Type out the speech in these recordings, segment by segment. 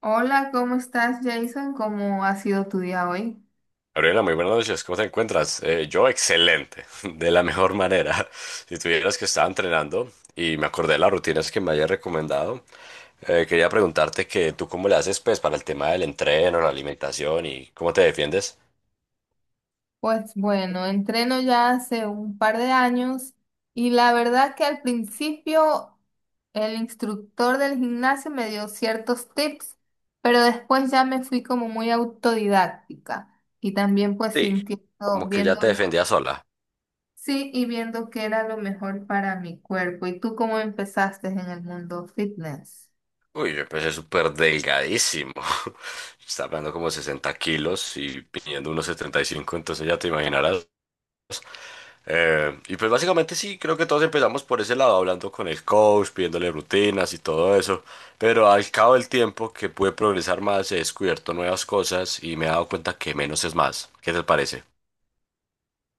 Hola, ¿cómo estás, Jason? ¿Cómo ha sido tu día hoy? Gabriela, muy buenas noches, ¿cómo te encuentras? Yo excelente, de la mejor manera. Si tuvieras que estaba entrenando y me acordé de las rutinas que me hayas recomendado, quería preguntarte que tú cómo le haces pues para el tema del entreno, la alimentación y cómo te defiendes. Pues bueno, entreno ya hace un par de años y la verdad que al principio el instructor del gimnasio me dio ciertos tips, pero después ya me fui como muy autodidáctica y también pues Sí, sintiendo, como que ya te viéndolo, defendía sola. sí, y viendo qué era lo mejor para mi cuerpo. ¿Y tú cómo empezaste en el mundo fitness? Uy, yo empecé súper delgadísimo. Estaba hablando como 60 kilos y pidiendo unos 75, entonces ya te imaginarás. Y pues básicamente sí, creo que todos empezamos por ese lado, hablando con el coach, pidiéndole rutinas y todo eso, pero al cabo del tiempo que pude progresar más, he descubierto nuevas cosas y me he dado cuenta que menos es más. ¿Qué te parece?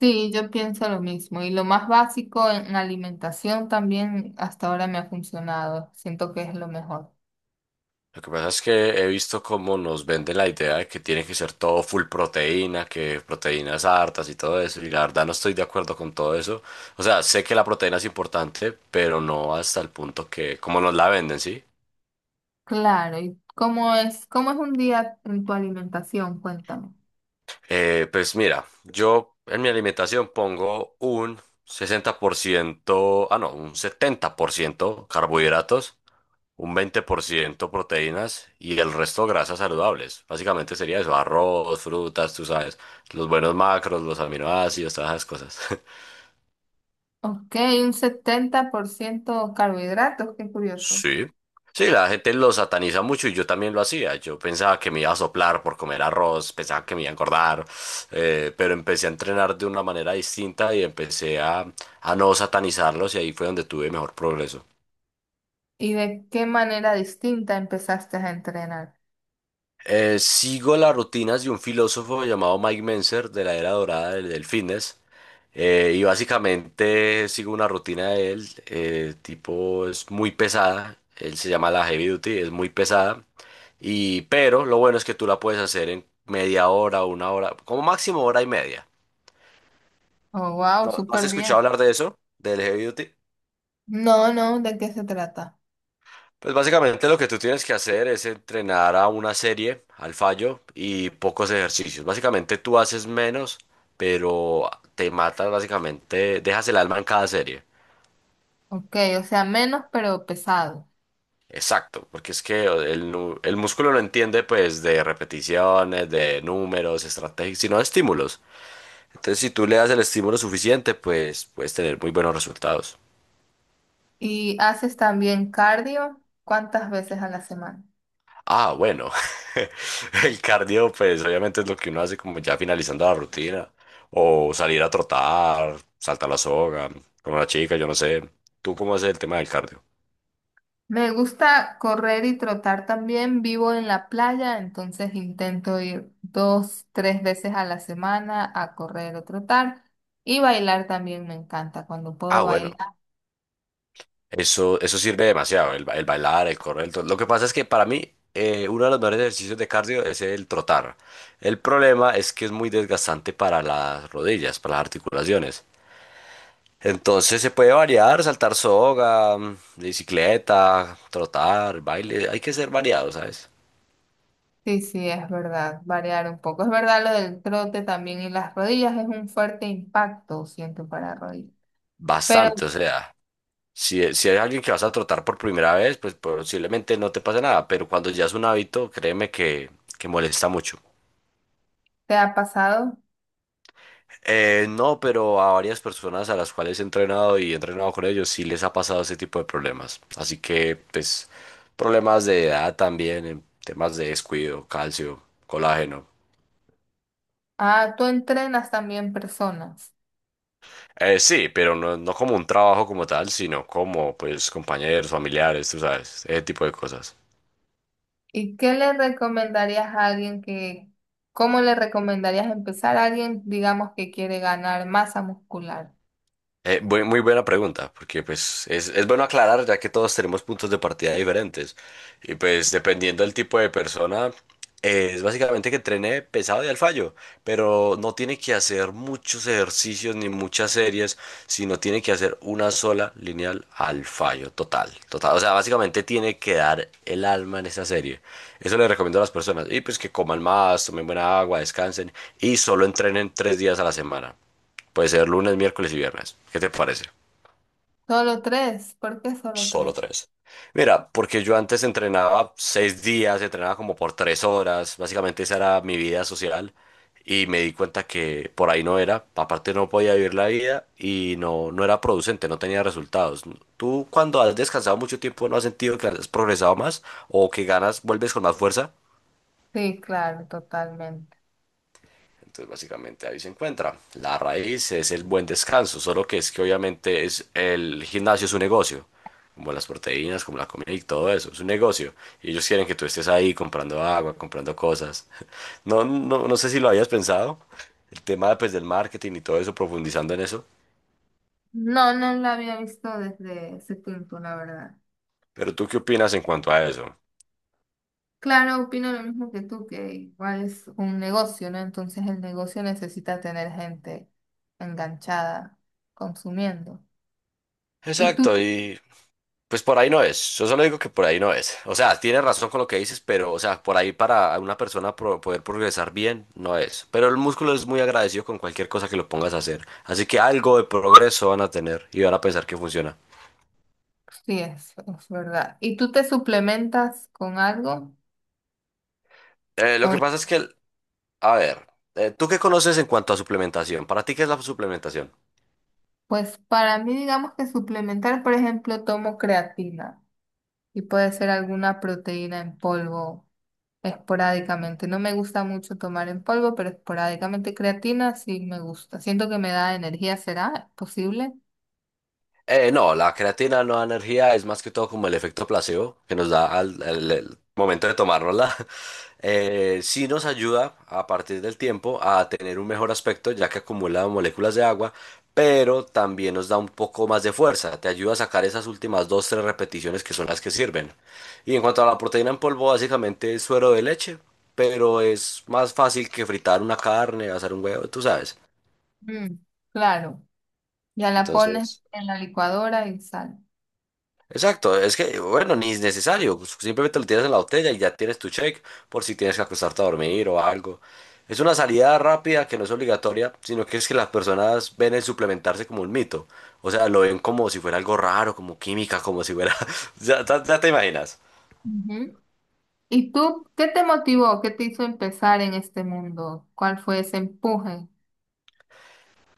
Sí, yo pienso lo mismo. Y lo más básico en alimentación también hasta ahora me ha funcionado. Siento que es lo mejor. Lo que pasa es que he visto cómo nos venden la idea de que tiene que ser todo full proteína, que proteínas hartas y todo eso, y la verdad no estoy de acuerdo con todo eso. O sea, sé que la proteína es importante, pero no hasta el punto que, como nos la venden, ¿sí? Claro, ¿y cómo es un día en tu alimentación? Cuéntame. Pues mira, yo en mi alimentación pongo un 60%, ah no, un 70% carbohidratos, un 20% proteínas y el resto grasas saludables. Básicamente sería eso, arroz, frutas, tú sabes, los buenos macros, los aminoácidos, todas esas cosas. Ok, un 70% carbohidratos, qué curioso. Sí. Sí, la gente lo sataniza mucho y yo también lo hacía. Yo pensaba que me iba a soplar por comer arroz, pensaba que me iba a engordar, pero empecé a entrenar de una manera distinta y empecé a no satanizarlos y ahí fue donde tuve mejor progreso. ¿Y de qué manera distinta empezaste a entrenar? Sigo las rutinas de un filósofo llamado Mike Mentzer de la era dorada del fitness. Y básicamente sigo una rutina de él, tipo es muy pesada, él se llama la Heavy Duty, es muy pesada, pero lo bueno es que tú la puedes hacer en media hora, una hora, como máximo hora y media. Oh, wow, ¿No, no has súper escuchado bien. hablar de eso? ¿Del Heavy Duty? No, no, ¿de qué se trata? Pues básicamente lo que tú tienes que hacer es entrenar a una serie, al fallo y pocos ejercicios. Básicamente tú haces menos, pero te matas básicamente, dejas el alma en cada serie. Ok, o sea, menos pero pesado. Exacto, porque es que el músculo no entiende pues de repeticiones, de números, estrategias, sino de estímulos. Entonces si tú le das el estímulo suficiente, pues puedes tener muy buenos resultados. ¿Y haces también cardio? ¿Cuántas veces a la semana? Ah, bueno, el cardio pues obviamente es lo que uno hace como ya finalizando la rutina o salir a trotar, saltar la soga con una chica, yo no sé. ¿Tú cómo haces el tema del cardio? Me gusta correr y trotar también. Vivo en la playa, entonces intento ir dos, tres veces a la semana a correr o trotar. Y bailar también me encanta cuando Ah, puedo bueno, bailar. eso sirve demasiado, el bailar, el correr, lo que pasa es que para mí uno de los mejores ejercicios de cardio es el trotar. El problema es que es muy desgastante para las rodillas, para las articulaciones. Entonces se puede variar, saltar soga, bicicleta, trotar, baile, hay que ser variado, ¿sabes? Sí, sí, es verdad, variar un poco. Es verdad lo del trote también y las rodillas es un fuerte impacto, siento, para rodillas. Pero Bastante, o sea, si hay alguien que vas a trotar por primera vez, pues posiblemente no te pase nada, pero cuando ya es un hábito, créeme que molesta mucho. ¿te ha pasado? No, pero a varias personas a las cuales he entrenado y he entrenado con ellos sí les ha pasado ese tipo de problemas. Así que, pues, problemas de edad también, en temas de descuido, calcio, colágeno. Ah, tú entrenas también personas. Sí, pero no, no como un trabajo como tal, sino como pues compañeros, familiares, tú sabes, ese tipo de cosas. ¿Y qué le recomendarías a alguien que, cómo le recomendarías empezar a alguien, digamos, que quiere ganar masa muscular? Muy buena pregunta, porque pues es bueno aclarar ya que todos tenemos puntos de partida diferentes y pues dependiendo del tipo de persona es básicamente que entrene pesado y al fallo, pero no tiene que hacer muchos ejercicios ni muchas series, sino tiene que hacer una sola lineal al fallo total, total, o sea, básicamente tiene que dar el alma en esa serie. Eso le recomiendo a las personas y pues que coman más, tomen buena agua, descansen y solo entrenen 3 días a la semana. Puede ser lunes, miércoles y viernes. ¿Qué te parece? Solo tres, ¿por qué solo tres? Solo tres. Mira, porque yo antes entrenaba 6 días, entrenaba como por 3 horas, básicamente esa era mi vida social y me di cuenta que por ahí no era, aparte no podía vivir la vida y no, no era producente, no tenía resultados. ¿Tú cuando has descansado mucho tiempo no has sentido que has progresado más o que ganas, vuelves con más fuerza? Sí, claro, totalmente. Entonces, básicamente ahí se encuentra. La raíz es el buen descanso, solo que es que obviamente es el gimnasio es un negocio, como las proteínas, como la comida y todo eso, es un negocio. Y ellos quieren que tú estés ahí comprando agua, comprando cosas. No, no, no sé si lo habías pensado, el tema pues del marketing y todo eso, profundizando en eso. No, no lo había visto desde ese punto, la verdad. ¿Pero tú qué opinas en cuanto a eso? Claro, opino lo mismo que tú, que igual es un negocio, ¿no? Entonces el negocio necesita tener gente enganchada, consumiendo. Y tú, Exacto, pues por ahí no es. Yo solo digo que por ahí no es. O sea, tienes razón con lo que dices, pero, o sea, por ahí para una persona poder progresar bien, no es. Pero el músculo es muy agradecido con cualquier cosa que lo pongas a hacer. Así que algo de progreso van a tener y van a pensar que funciona. sí, es verdad. ¿Y tú te suplementas con algo Lo o que pasa es que, a ver, ¿tú qué conoces en cuanto a suplementación? ¿Para ti qué es la suplementación? pues para mí, digamos que suplementar, por ejemplo, tomo creatina y puede ser alguna proteína en polvo esporádicamente. No me gusta mucho tomar en polvo, pero esporádicamente creatina sí me gusta. Siento que me da energía, ¿será? ¿Es posible? No, la creatina no da energía, es más que todo como el efecto placebo que nos da el momento de tomárnosla. Sí nos ayuda a partir del tiempo a tener un mejor aspecto ya que acumula moléculas de agua, pero también nos da un poco más de fuerza, te ayuda a sacar esas últimas dos, tres repeticiones que son las que sirven. Y en cuanto a la proteína en polvo, básicamente es suero de leche, pero es más fácil que fritar una carne, hacer un huevo, tú sabes. Mm, claro, ya la pones Entonces... en la licuadora y sal. Exacto, es que, bueno, ni es necesario, pues, simplemente lo tiras en la botella y ya tienes tu check por si tienes que acostarte a dormir o algo. Es una salida rápida que no es obligatoria, sino que es que las personas ven el suplementarse como un mito. O sea, lo ven como si fuera algo raro, como química, como si fuera... Ya te imaginas. Ujú. ¿Y tú qué te motivó? ¿Qué te hizo empezar en este mundo? ¿Cuál fue ese empuje?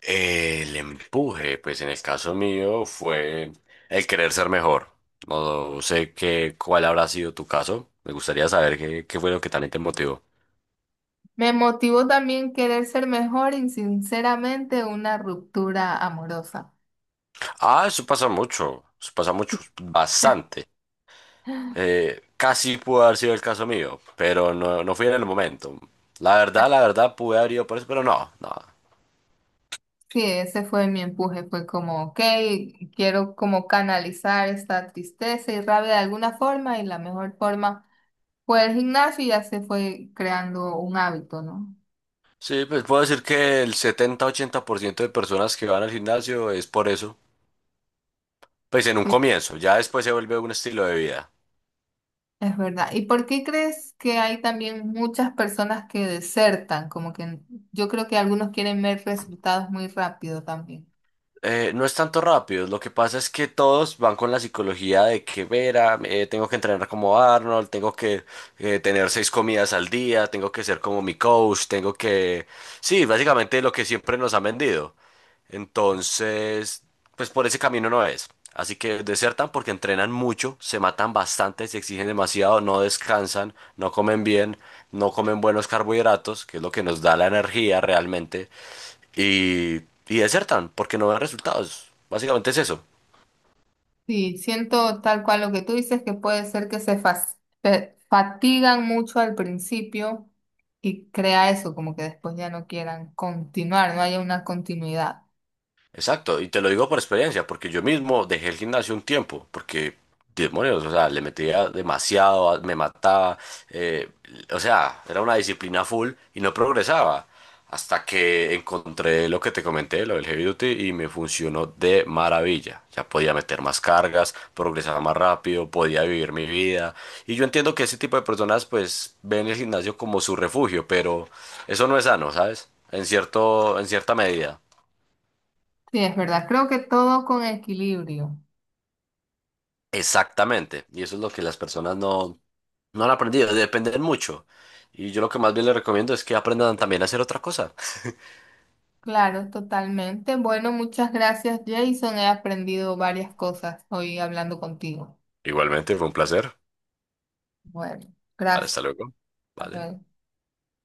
El empuje, pues en el caso mío fue el querer ser mejor. No sé cuál habrá sido tu caso. Me gustaría saber qué fue lo que también te motivó. Me motivó también querer ser mejor y sinceramente una ruptura amorosa. Ah, eso pasa mucho, bastante. Casi pudo haber sido el caso mío, pero no, no fui en el momento. La verdad, pude haber ido por eso, pero no, no. Sí, ese fue mi empuje, fue como, ok, quiero como canalizar esta tristeza y rabia de alguna forma y la mejor forma fue el gimnasio y ya se fue creando un hábito, ¿no? Sí, pues puedo decir que el 70, 80% de personas que van al gimnasio es por eso. Pues en un Sí, comienzo, ya después se vuelve un estilo de vida. es verdad. ¿Y por qué crees que hay también muchas personas que desertan? Como que yo creo que algunos quieren ver resultados muy rápido también. No es tanto rápido, lo que pasa es que todos van con la psicología de que Vera, tengo que entrenar como Arnold, tengo que tener 6 comidas al día, tengo que ser como mi coach, tengo que... Sí, básicamente lo que siempre nos han vendido. Entonces, pues por ese camino no es. Así que desertan porque entrenan mucho, se matan bastante, se exigen demasiado, no descansan, no comen bien, no comen buenos carbohidratos, que es lo que nos da la energía realmente, y, y desertan porque no ven resultados. Básicamente es eso. Sí, siento tal cual lo que tú dices, que puede ser que fatigan mucho al principio y crea eso, como que después ya no quieran continuar, no haya una continuidad. Exacto, y te lo digo por experiencia, porque yo mismo dejé el gimnasio un tiempo, porque demonios, o sea, le metía demasiado, me mataba, eh, o sea, era una disciplina full y no progresaba, hasta que encontré lo que te comenté, lo del heavy duty, y me funcionó de maravilla. Ya podía meter más cargas, progresaba más rápido, podía vivir mi vida, y yo entiendo que ese tipo de personas pues ven el gimnasio como su refugio, pero eso no es sano, ¿sabes? En cierto, en cierta medida. Sí, es verdad, creo que todo con equilibrio. Exactamente, y eso es lo que las personas no han aprendido, dependen mucho. Y yo lo que más bien les recomiendo es que aprendan también a hacer otra cosa. Claro, totalmente. Bueno, muchas gracias, Jason. He aprendido varias cosas hoy hablando contigo. Igualmente, fue un placer. Bueno, gracias. Hasta luego. Hasta Vale. luego.